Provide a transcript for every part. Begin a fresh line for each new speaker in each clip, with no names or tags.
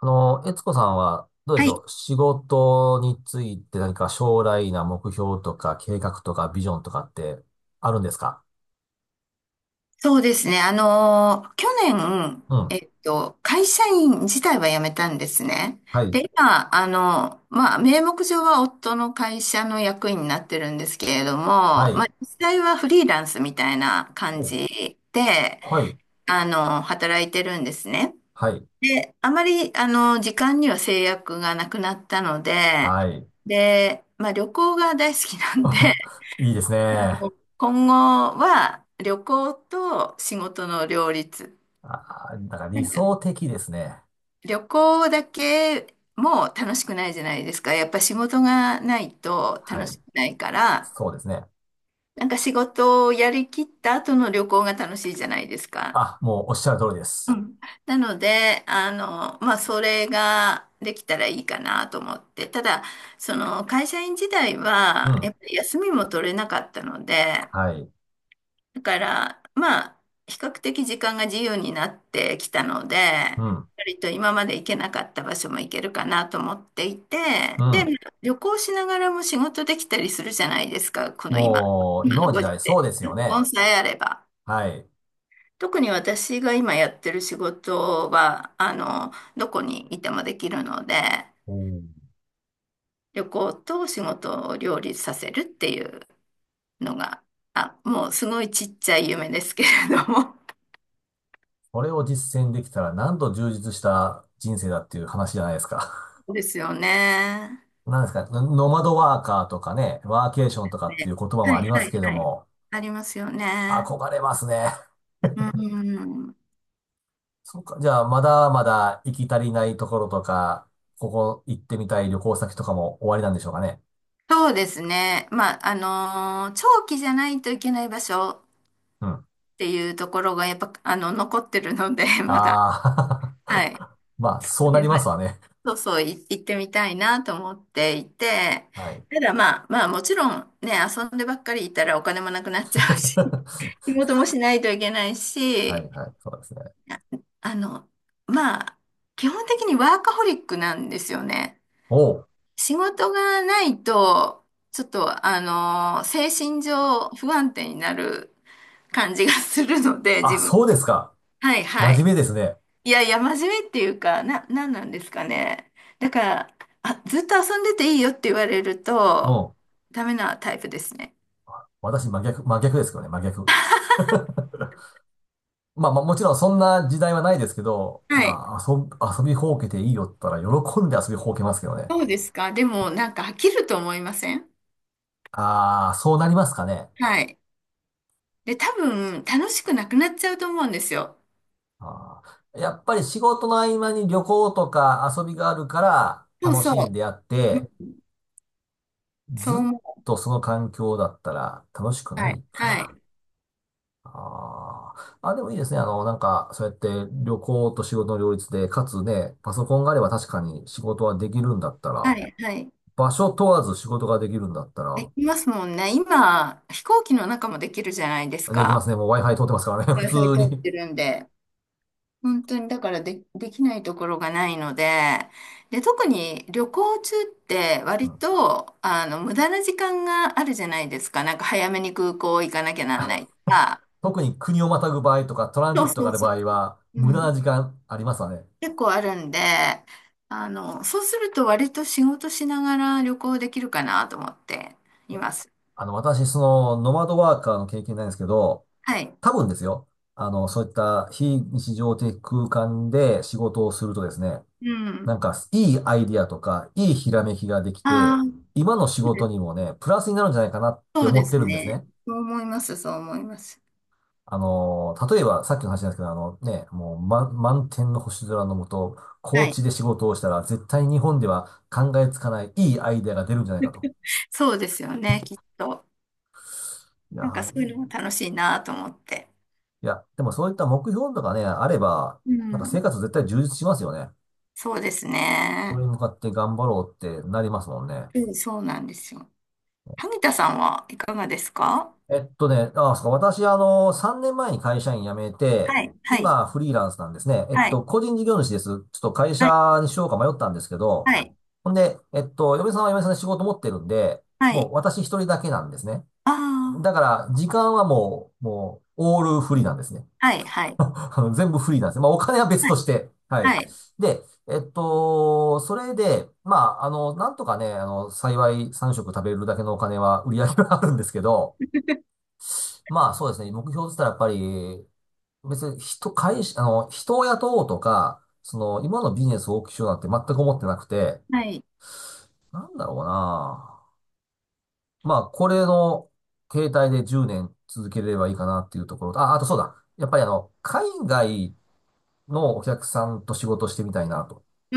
あの、悦子さんは、どうで
は
し
い、
ょう。仕事について何か将来な目標とか計画とかビジョンとかってあるんですか？
そうですね。去年、
うん。
会社員自体は辞めたんですね。
はい。
で、今、まあ、名目上は夫の会社の役員になってるんですけれども、
は
ま
い。
あ、実際はフリーランスみたいな感
お。
じで、
はい。
働いてるんですね。
はい。
で、あまり、時間には制約がなくなったので、
はい。
で、まあ、旅行が大好きなんで、
いいですね。
今後は旅行と仕事の両立。
あ、なんか
な
理
んか
想的ですね。
旅行だけも楽しくないじゃないですか。やっぱ仕事がないと
は
楽
い。
しくないから、
そうですね。
なんか仕事をやりきった後の旅行が楽しいじゃないですか。
あ、もうおっしゃる通りです。
なので、まあ、それができたらいいかなと思って。ただ、その会社員時代
う
は、や
ん。
っぱり休みも取れなかったので、
はい。
だから、まあ、比較的時間が自由になってきたので、
うん。
割と今まで行けなかった場所も行けるかなと思っていて、
う
で、
ん。
旅行しながらも仕事できたりするじゃないですか、この今、
もう、
今
今
の
の時
ご時
代、そう
世。
ですよ
コ
ね。
ンさえあれば。
はい。
特に私が今やってる仕事は、どこにいてもできるので、
おー。
旅行と仕事を両立させるっていうのが、あ、もうすごいちっちゃい夢ですけれども、
これを実践できたらなんと充実した人生だっていう話じゃないですか。
ですよね。
なんですか、ノマドワーカーとかね、ワーケーションとかってい
ね。
う言葉
は
も
い
ありま
は
すけ
い
ど
はい。
も、
ありますよね。
憧れますね。
うん。
そうか、じゃあまだまだ行き足りないところとか、ここ行ってみたい旅行先とかも終わりなんでしょうかね。
そうですね。まあ、長期じゃないといけない場所っ
うん。
ていうところがやっぱ、残ってるので、まだ。
あ
は
あ。
い。
まあ、そうな
で、
り
ま
ま
あ、
すわね。
そうそう、行ってみたいなと思っていて、
はい。
ただまあ、まあもちろんね、遊んでばっかりいたらお金もなくなっちゃうし、仕 事もしないといけない
はい、
し、
はい、そうですね。
ああの、まあ、基本的にワーカホリックなんですよね。
おう。
仕事がないと、ちょっと、精神上不安定になる感じがするので、
あ、
自分。
そうですか。
はいは
真面
い。
目ですね。
いやいや、真面目っていうか、なんなんですかね。だから、あ、ずっと遊んでていいよって言われる
う
と、
ん。
ダメなタイプですね。
私真逆、真逆ですけどね、真逆。まあまあもちろんそんな時代はないですけど、
はい。
今遊び、遊びほうけていいよって言ったら喜んで遊びほうけますけどね。
そうですか。でも、なんか飽きると思いません？
ああ、そうなりますかね。
はい。で、多分、楽しくなくなっちゃうと思うんですよ。
あー、やっぱり仕事の合間に旅行とか遊びがあるから
そう
楽し
そう。
んであって、
うん。そう
ずっ
思
とその環境だったら楽しく
う。
な
はい。
いか
は
な。
い。
あーあ、でもいいですね。あの、なんか、そうやって旅行と仕事の両立で、かつね、パソコンがあれば確かに仕事はできるんだった
は
ら、
い。はい。
場所問わず仕事ができるんだった
で
ら、
きますもんね。今、飛行機の中もできるじゃないです
できま
か。
すね。もう Wi-Fi 通ってますからね。普
Wi-Fi
通
通っ
に。
てるんで。本当にだから、で、できないところがないので、で、特に旅行中って
う
割
ん。
と、無駄な時間があるじゃないですか。なんか早めに空港行かなきゃなんないとか。
特に国をまたぐ場合とか、トランジ
そう
ットが
そ
あ
う
る
そ
場
う。
合は、
う
無駄な
ん。
時間ありますわね。
結構あるんで、そうすると割と仕事しながら旅行できるかなと思っていいます。
あの、私、その、ノマドワーカーの経験ないんですけど、
はい。
多分ですよ。あの、そういった非日常的空間で仕事をするとですね、
う
なん
ん。
か、いいアイディアとか、いいひらめきができて、
ああ、
今の仕事にもね、プラスになるんじゃないかなって
そうで
思って
す
るんです
ね。
ね。
そう思います、そう思います。
あの、例えば、さっきの話なんですけど、あのね、もう、満天の星空の下、
は
高
い。
地で仕事をしたら、絶対日本では考えつかないいいアイデアが出るんじゃないかと。
そうですよね、きっと。
いや
なんか
ー、
そう
い
いうのも
い。
楽しいなと思って。
いや、でもそういった目標とかね、あれば、
う
なんか生
ん。
活絶対充実しますよね。
そうです
こ
ね。
れに向かって頑張ろうってなりますもんね。
うん、そうなんですよ。萩田さんはいかがですか？
あ、そうか、私、あの、3年前に会社員辞めて、
はい、はい、
今、フリーランスなんですね。
はい、
個人事業主です。ちょっと会
はい、
社にしようか迷ったんですけど、
はい、
ほんで、嫁さんは嫁さんで仕事持ってるんで、
は
もう
い。
私一人だけなんですね。だ
あ
から、時間はもう、オールフリーなんですね。
あ、はい、は い、
あの全部フリーなんですね。まあ、お金は別
は
と
い、
して。はい。
はい。
で、それで、まあ、あの、なんとかね、あの、幸い3食食べるだけのお金は、売り上げはあるんですけど、まあそうですね。目標って言ったらやっぱり、別に人、会社、あの、人を雇おうとか、その、今のビジネスを大きくしようなんて全く思ってなくて、
はい。
なんだろうな。まあ、これの携帯で10年続けれればいいかなっていうところと、あ、あとそうだ。やっぱりあの、海外のお客さんと仕事してみたいなと。
う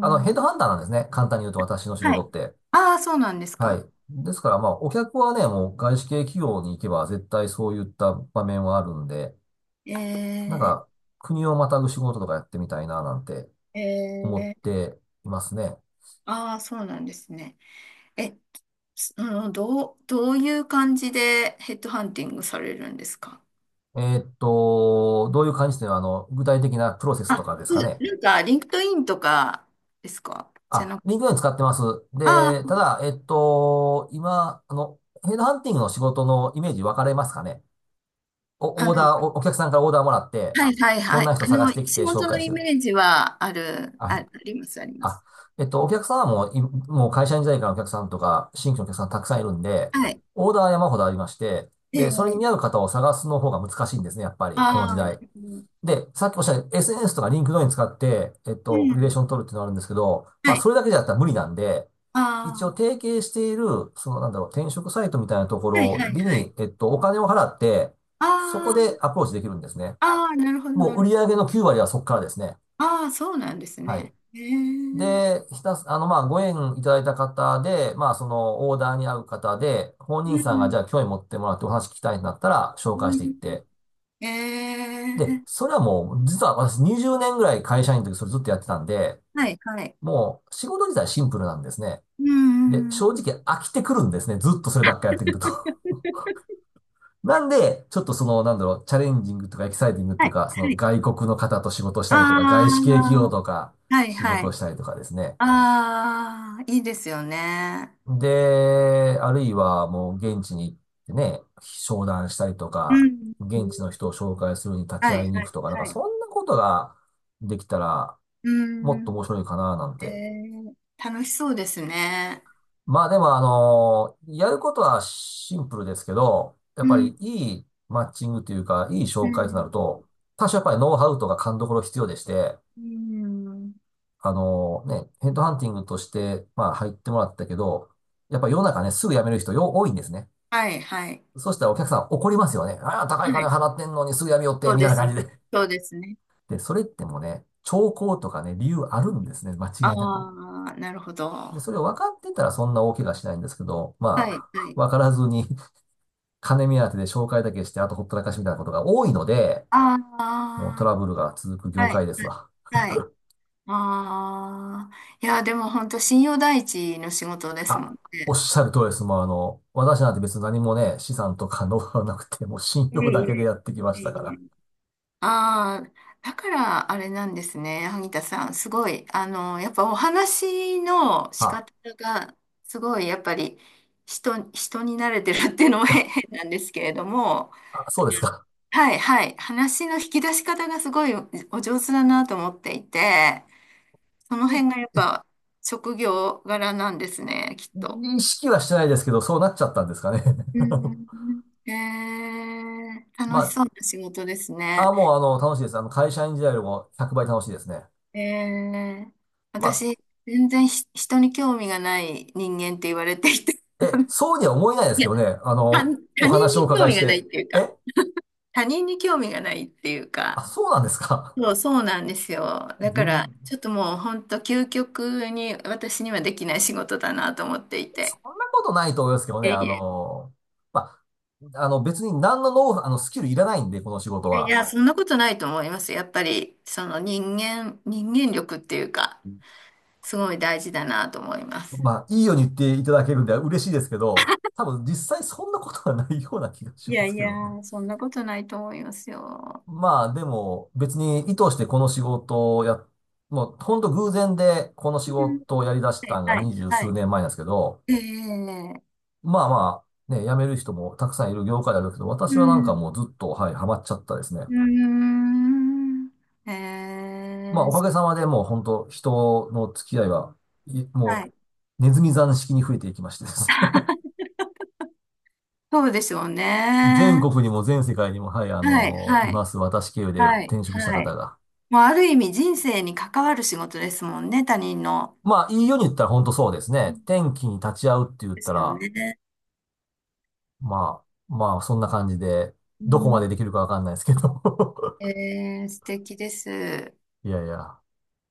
あの、ヘッ
ん、
ドハンターなんですね。簡単に言うと私の仕
はい。
事って。
ああ、そうなんです
は
か。
い。ですからまあ、お客はね、もう外資系企業に行けば絶対そういった場面はあるんで、なん
え
か、国をまたぐ仕事とかやってみたいな、なんて
ー、
思っ
えー、
ていますね。
ああ、そうなんですね。え、つのどう、どういう感じでヘッドハンティングされるんですか？
どういう感じで、あの、具体的なプロセス
あ、
とかです
う
か
ん。
ね。
なんか、リンクトインとかですか？じゃ
あ、
なく、
リンクドイン使ってます。で、た
あ
だ、今、あの、ヘッドハンティングの仕事のイメージ分かれますかね。
あ、
お、オーダー、お客さんからオーダーもらって、
はいはい
こ
は
ん
い。
な人探してき
仕
て紹
事の
介し
イ
てる。
メージはある、あ、
あ、
あります、ありま
あ、
す。
お客さんはもう、もう会社員時代からのお客さんとか、新規のお客さんたくさんいるんで、
はい。
オーダーは山ほどありまして、
え
で、それに
え、
見合う方を探すの方が難しいんですね、やっぱり、この時
ああ、なる
代。
ほど。
で、さっきおっしゃった SNS とか LinkedIn 使って、
う
リレー
ん。
ション取るっていうのがあるんですけど、ま
は
あ、
い。
それだけじゃったら無理なんで、一応
あ
提携している、その、なんだろう、転職サイトみたいなとこ
あ、はい
ろ
はいは
に、
い。
お金を払って、そこ
あ
でアプローチできるんですね。
あ、ああ、なるほど、
も
な
う売
る
り
ほど。
上げの9割はそこからですね。
ああ、そうなんです
はい。
ね。ええ。
で、ひたす、あの、まあ、ご縁いただいた方で、まあ、その、オーダーに合う方で、本人さんが、じゃあ、興味持ってもらってお話聞きたいんだったら、紹
う
介していっ
ん。
て。
え
で、
え、
それはもう、実は私20年ぐらい会社員の時それずっとやってたんで、
はいはい。
もう、仕事自体シンプルなんですね。
う
で、正
ん。
直飽きてくるんですね。ずっとそればっかりやってくると。なんで、ちょっとその、なんだろう、チャレンジングとかエキサイティングって
は
い
い、
うか、そ
は
の、
い。
外国の方と仕事したりとか、外資
あ
系企業とか、
あ、はい、
仕
は
事を
い。
したりとかですね。
ああ、いいですよね。
で、あるいはもう現地に行ってね、商談したりと
う
か、
ん。
現地の人を紹介するに立ち
は
会い
い、
に
は
行く
い、
とか、なん
は
かそ
い。
んなことができたら
う
もっと
ん。
面白いかななん
え
て。
ー、楽しそうですね。
まあでもあの、やることはシンプルですけど、や
う
っぱり
ん、
いいマッチングというか、いい
う
紹介とな
ん、
ると、多少やっぱりノウハウとか勘どころ必要でして、
うん。
あのね、ヘッドハンティングとして、まあ入ってもらったけど、やっぱり世の中ね、すぐ辞める人よ、多いんですね。
はい、はい。
そしたらお客さん怒りますよね。ああ、高
は
い金
い。
払ってんのにすぐやめよって、
そう
み
で
たいな感
す。
じで。
そうですね。
で、それってもね、兆候とかね、理由あるんですね。間違
あ
いなく。
あ、なるほど。
で、
は
それを分かってたらそんな大怪我しないんですけど、
い、
ま
はい。
あ、分からずに。 金目当てで紹介だけして、あとほったらかしみたいなことが多いので、もうト
ああ、
ラブルが続く業
はい、
界で
は
す
い。
わ。
はい。ああ、いや、でも本当信用第一の仕事ですも
あ、
ん
おっ
ね。
しゃる通りです。もうあの、私なんて別に何もね、資産とかノウハウなくて、もう信
い
用
えい
だけで
え、
やってきまし
いえ
たか
いえ。
ら。
ああ、だからあれなんですね、萩田さん。すごい、やっぱお話の仕
あ、
方が、すごい、やっぱり人に慣れてるっていうのも 変なんですけれども、
あ、そうですか。
はい、はい、話の引き出し方がすごい、お上手だなと思っていて、その
い
辺がやっぱ職業柄なんですね、きっと。
意識はしてないですけど、そうなっちゃったんですかね。
う ん。へえ、
ま
楽しそうな仕事です
あ、
ね。
あ、もうあの、楽しいです。あの、会社員時代よりも100倍楽しいですね。
へえ、
ま
私、全然人に興味がない人間って言われていて、
あ、え、そうには思えないです
い
け
や、
どね。あ
他、
の、お
他人
話をお
に興
伺い
味
し
がないっ
て。
ていうか、
え、
他人に興味がないっていうか、
あ、そうなんですか。
そうなんですよ。だ
全、
から、ちょっともう本当究極に私にはできない仕事だなと思ってい
そ
て。
んなことないと思いますけど
い
ね。
や
あ
い
の、まあ、あの、別に何のノウ、あの、スキルいらないんで、この仕事
や、い
は。
やそんなことないと思います。やっぱり、その人間力っていうか、すごい大事だなと思います。
まあ、いいように言っていただけるんで嬉しいですけど、多分実際そんなことはないような気がし
い
ま
や
す
い
けどね。
や、そんなことないと思いますよ。
まあでも別に意図してこの仕事をや、もうほんと偶然でこの仕
うん。
事をやり出し
は
た
い、
んが
はい、
二十
は
数
い。
年前なんですけど、
ええ。
まあまあね、辞める人もたくさんいる業界であるけど、
う
私はなんか
ん。
もうずっと、はい、ハマっちゃったですね。
うーん。え
まあおかげ
え。
さまでもう本当人の付き合いは、いも
は
う
い。
ネズミ算式に増えていきましてです。
そうでしょうね。
全国にも全世界にも、はい、あ
はい、
のい
はい、
ます。私経由で
はい、
転職した
は
方
い。
が。
もうある意味人生に関わる仕事ですもんね、他人の。
まあ、いいように言ったら本当そうです
う
ね。
ん。
天気に立ち会うって言っ
で
た
すよ
ら、
ね。
ままあ、そんな感じで、
う
どこま
ん。
でできるかわかんないですけど。
ええ、素敵です。
いやいや。